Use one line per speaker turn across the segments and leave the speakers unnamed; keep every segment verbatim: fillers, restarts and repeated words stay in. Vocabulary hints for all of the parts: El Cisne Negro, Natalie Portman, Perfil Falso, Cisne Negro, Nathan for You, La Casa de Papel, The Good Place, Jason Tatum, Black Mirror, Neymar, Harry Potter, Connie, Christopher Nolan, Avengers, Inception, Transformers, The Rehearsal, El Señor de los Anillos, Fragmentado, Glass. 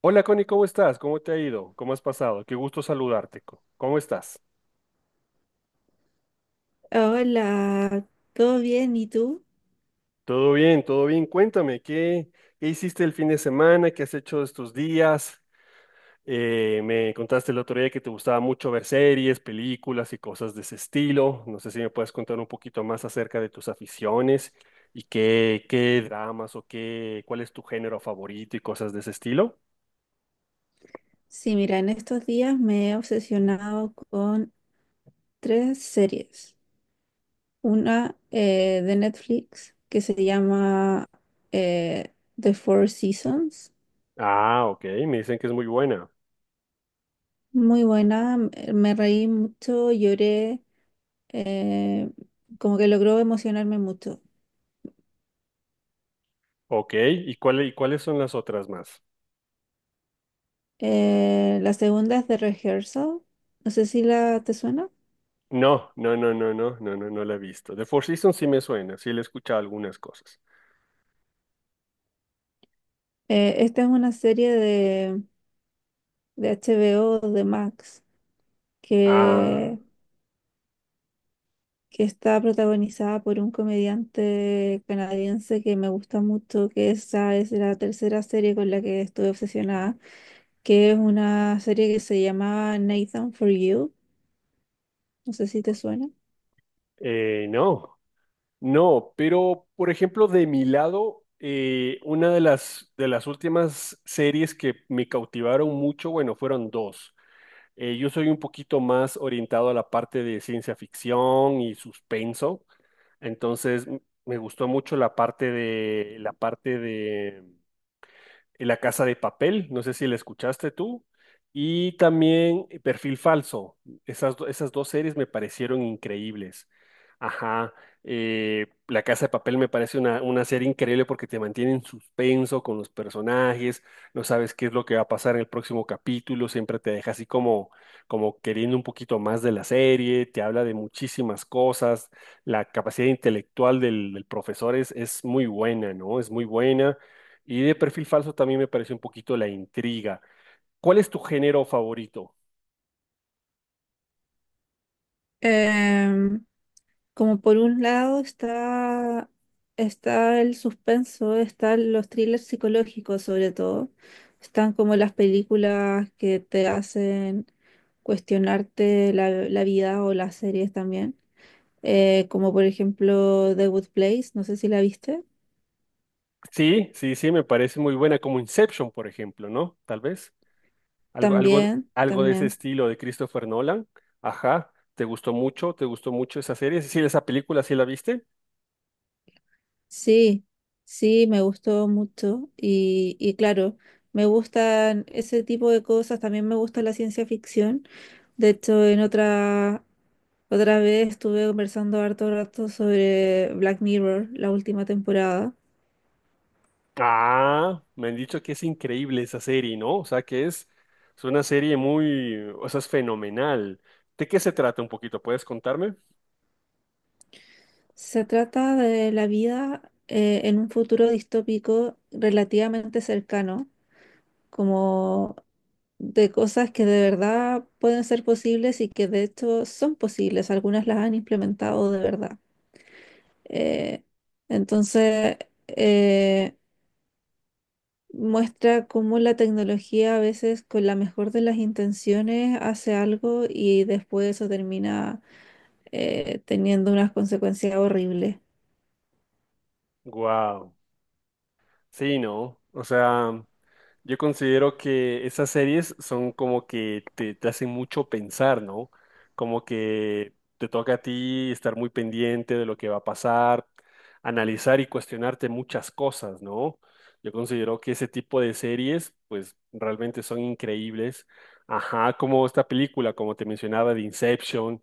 Hola Connie, ¿cómo estás? ¿Cómo te ha ido? ¿Cómo has pasado? Qué gusto saludarte. co- ¿Cómo estás?
Hola, ¿todo bien? ¿Y tú?
Todo bien, todo bien. Cuéntame, ¿qué, ¿qué hiciste el fin de semana? ¿Qué has hecho estos días? Eh, me contaste el otro día que te gustaba mucho ver series, películas y cosas de ese estilo. No sé si me puedes contar un poquito más acerca de tus aficiones y qué, qué dramas o qué, cuál es tu género favorito y cosas de ese estilo.
Sí, mira, en estos días me he obsesionado con tres series. Una eh, de Netflix que se llama eh, The Four Seasons.
Ah, ok, me dicen que es muy buena.
Muy buena, me me reí mucho, lloré, eh, como que logró emocionarme mucho.
Ok, ¿y cuál- y cuáles son las otras más?
Eh, la segunda es The Rehearsal. No sé si la te suena.
No, no, no, no, no, no, no, no la he visto. The Four Seasons sí me suena, sí le he escuchado algunas cosas.
Eh, esta es una serie de, de H B O de Max
Ah,
que, que está protagonizada por un comediante canadiense que me gusta mucho, que esa es la tercera serie con la que estuve obsesionada, que es una serie que se llama Nathan for You, no sé si te suena.
eh, no, no, pero por ejemplo, de mi lado, eh, una de las, de las últimas series que me cautivaron mucho, bueno, fueron dos. Eh, yo soy un poquito más orientado a la parte de ciencia ficción y suspenso, entonces m- me gustó mucho la parte de, la parte de La Casa de Papel, no sé si la escuchaste tú, y también Perfil Falso. Esas, do- esas dos series me parecieron increíbles. Ajá, eh, La Casa de Papel me parece una, una serie increíble porque te mantiene en suspenso con los personajes, no sabes qué es lo que va a pasar en el próximo capítulo, siempre te deja así como, como queriendo un poquito más de la serie, te habla de muchísimas cosas, la capacidad intelectual del, del profesor es, es muy buena, ¿no? Es muy buena y de perfil falso también me pareció un poquito la intriga. ¿Cuál es tu género favorito?
Em, Como por un lado está, está el suspenso, están los thrillers psicológicos sobre todo, están como las películas que te hacen cuestionarte la, la vida o las series también. Eh, como por ejemplo The Good Place, no sé si la viste.
Sí, sí, sí, me parece muy buena, como Inception, por ejemplo, ¿no? Tal vez. Algo, algo,
También,
algo de ese
también.
estilo de Christopher Nolan. Ajá, ¿te gustó mucho? ¿Te gustó mucho esa serie? Sí, esa película, ¿sí la viste?
Sí, sí, me gustó mucho y, y claro, me gustan ese tipo de cosas, también me gusta la ciencia ficción. De hecho, en otra, otra vez estuve conversando harto rato sobre Black Mirror, la última temporada.
Ah, me han dicho que es increíble esa serie, ¿no? O sea, que es, es una serie muy, o sea, es fenomenal. ¿De qué se trata un poquito? ¿Puedes contarme?
Se trata de la vida eh, en un futuro distópico relativamente cercano como de cosas que de verdad pueden ser posibles y que de hecho son posibles. Algunas las han implementado de verdad. Eh, entonces, eh, muestra cómo la tecnología a veces con la mejor de las intenciones hace algo y después eso termina eh, teniendo unas consecuencias horribles.
Wow. Sí, no. O sea, yo considero que esas series son como que te, te hacen mucho pensar, ¿no? Como que te toca a ti estar muy pendiente de lo que va a pasar, analizar y cuestionarte muchas cosas, ¿no? Yo considero que ese tipo de series, pues realmente son increíbles. Ajá, como esta película, como te mencionaba, de Inception.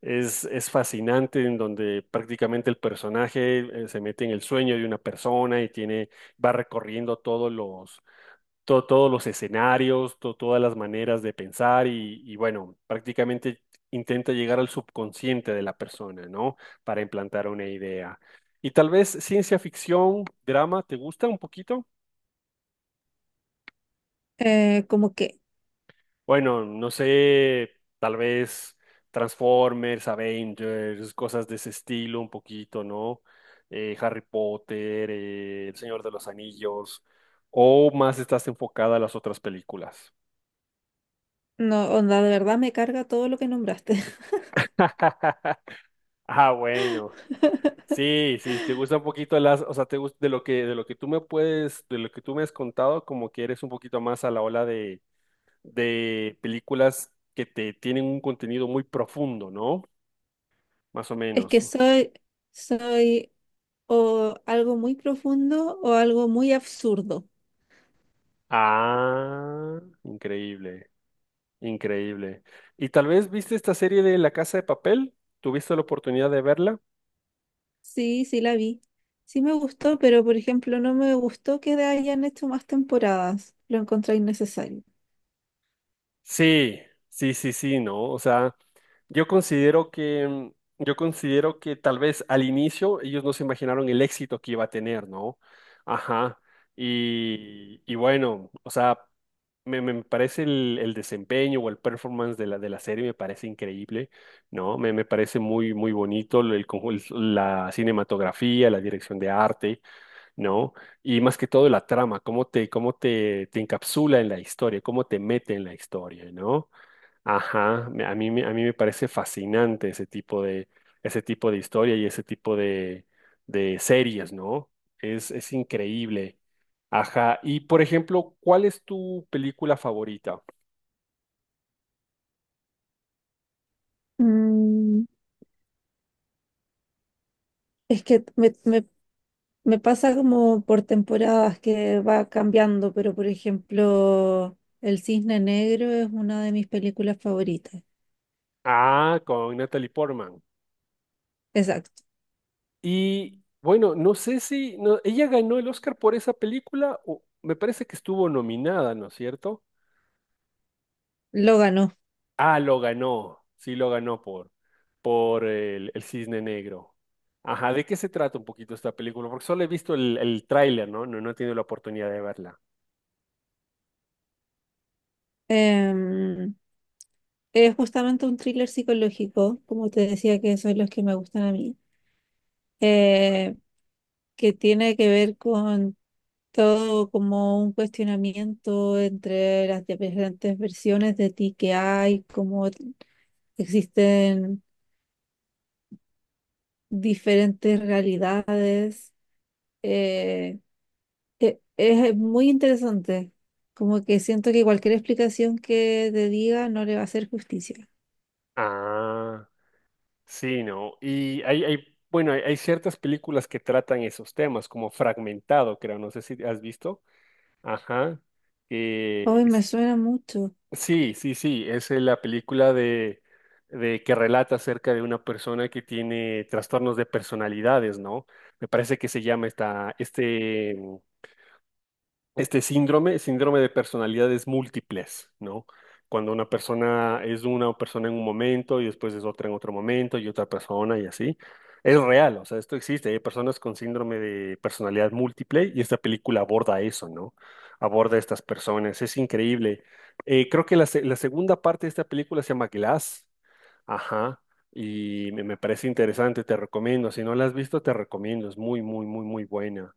Es, es fascinante en donde prácticamente el personaje eh, se mete en el sueño de una persona y tiene, va recorriendo todos los, to- todos los escenarios, to- todas las maneras de pensar y, y bueno, prácticamente intenta llegar al subconsciente de la persona, ¿no? Para implantar una idea. Y tal vez ciencia ficción, drama, ¿te gusta un poquito?
Eh, como que,
Bueno, no sé, tal vez Transformers, Avengers, cosas de ese estilo un poquito, ¿no? Eh, Harry Potter, eh, El Señor de los Anillos, o más estás enfocada a las otras películas.
no, onda, de verdad me carga todo lo que nombraste.
Ah, bueno. Sí, sí, te gusta un poquito las, o sea, te gusta de lo que de lo que tú me puedes, de lo que tú me has contado, como que eres un poquito más a la ola de de películas que te tienen un contenido muy profundo, ¿no? Más o
Es
menos.
que soy, soy o algo muy profundo o algo muy absurdo.
Ah, increíble, increíble. ¿Y tal vez viste esta serie de La Casa de Papel? ¿Tuviste la oportunidad de verla?
Sí, sí la vi. Sí me gustó, pero por ejemplo no me gustó que hayan hecho más temporadas. Lo encontré innecesario.
Sí, sí, sí, sí, ¿no? O sea, yo considero que, mm, yo considero que tal vez al inicio ellos no se imaginaron el éxito que iba a tener, ¿no? Ajá. Y, y bueno, o sea, me, me parece el, el desempeño o el performance de la, de la serie me parece increíble, ¿no? Me, me parece muy, muy bonito el, conjun- la cinematografía, la dirección de arte. ¿No? Y más que todo la trama, cómo te, cómo te, te encapsula en la historia, cómo te mete en la historia, ¿no? Ajá, me- a mí, me- a mí me parece fascinante ese tipo de, ese tipo de historia y ese tipo de, de series, ¿no? Es, es increíble. Ajá, y por ejemplo, ¿cuál es tu película favorita?
Mm, es que me, me- me pasa como por temporadas que va cambiando, pero por ejemplo El Cisne Negro es una de mis películas favoritas.
Ah, con Natalie Portman.
Exacto.
Y bueno, no sé si no, ella ganó el Oscar por esa película o me parece que estuvo nominada, ¿no es cierto?
Lo ganó.
Ah, lo ganó. Sí, lo ganó por, por el, el Cisne Negro. Ajá, ¿de qué se trata un poquito esta película? Porque solo he visto el, el tráiler, ¿no? ¿No? No he tenido la oportunidad de verla.
Em, es justamente un thriller psicológico, como te decía, que son los que me gustan a mí, eh, que tiene que ver con todo como un cuestionamiento entre las diferentes versiones de ti que hay, cómo existen diferentes realidades. Eh, e- es muy interesante. Como que siento que cualquier explicación que te diga no le va a hacer justicia.
Ah, sí, ¿no? Y hay, hay- bueno, hay, hay ciertas películas que tratan esos temas, como Fragmentado, creo, no sé si has visto. Ajá, que
Hoy me suena mucho.
sí, sí, sí, es eh, la película de, de que relata acerca de una persona que tiene trastornos de personalidades, ¿no? Me parece que se llama esta, este, este síndrome, síndrome de personalidades múltiples, ¿no? Cuando una persona es una persona en un momento y después es otra en otro momento y otra persona y así. Es real, o sea, esto existe. Hay personas con síndrome de personalidad múltiple y esta película aborda eso, ¿no? Aborda a estas personas. Es increíble. Eh, creo que la, se- la segunda parte de esta película se llama Glass. Ajá, y me me parece interesante, te recomiendo. Si no la has visto, te recomiendo. Es muy, muy, muy, muy buena.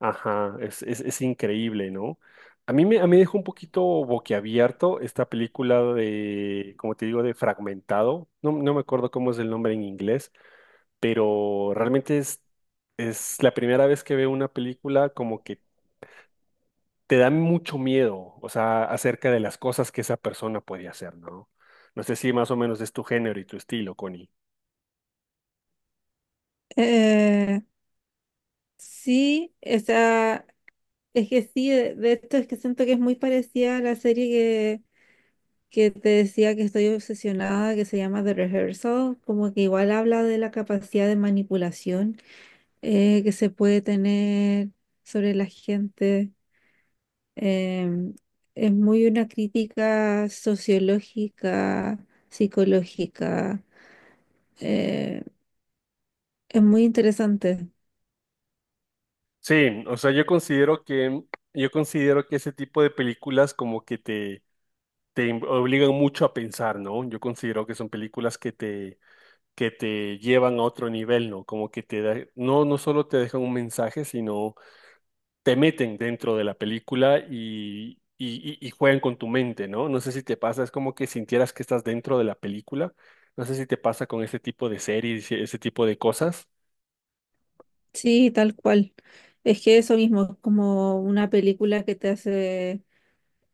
Ajá, es, es, es increíble, ¿no? A mí me, a mí me dejó un poquito boquiabierto esta película de, como te digo, de Fragmentado. No, no me acuerdo cómo es el nombre en inglés, pero realmente es, es la primera vez que veo una película como que te da mucho miedo, o sea, acerca de las cosas que esa persona puede hacer, ¿no? No sé si más o menos es tu género y tu estilo, Connie.
Eh, sí, esa es que sí, de, de esto es que siento que es muy parecida a la serie que, que te decía que estoy obsesionada, que se llama The Rehearsal, como que igual habla de la capacidad de manipulación eh, que se puede tener sobre la gente. em, es muy una crítica sociológica, psicológica. Eh, es muy interesante.
Sí, o sea, yo considero que, yo considero que ese tipo de películas como que te, te im- obligan mucho a pensar, ¿no? Yo considero que son películas que te, que te llevan a otro nivel, ¿no? Como que te da- no, no solo te dejan un mensaje, sino te meten dentro de la película y, y, y y juegan con tu mente, ¿no? No sé si te pasa, es como que sintieras que estás dentro de la película. No sé si te pasa con ese tipo de series, ese tipo de cosas.
Sí, tal cual. Es que eso mismo, es como una película que te hace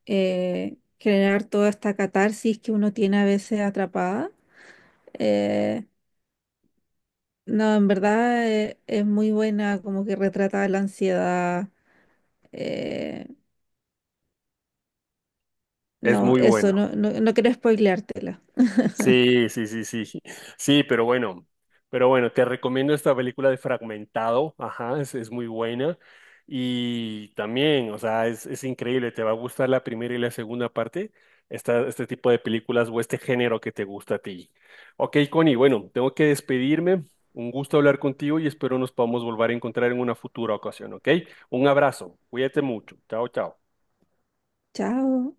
eh, generar toda esta catarsis que uno tiene a veces atrapada. Eh, no, en verdad eh, es muy buena, como que retrata la ansiedad. Eh,
Es
no,
muy
eso,
bueno.
no, no, no quiero spoileártela.
Sí, sí, sí, sí, sí, sí, pero bueno, pero bueno, te recomiendo esta película de Fragmentado, ajá, es, es muy buena y también, o sea, es, es increíble, te va a gustar la primera y la segunda parte, esta, este tipo de películas o este género que te gusta a ti. Ok, Connie, bueno, tengo que despedirme, un gusto hablar contigo y espero nos podamos volver a encontrar en una futura ocasión, ¿ok? Un abrazo, cuídate mucho, chao, chao.
Chao.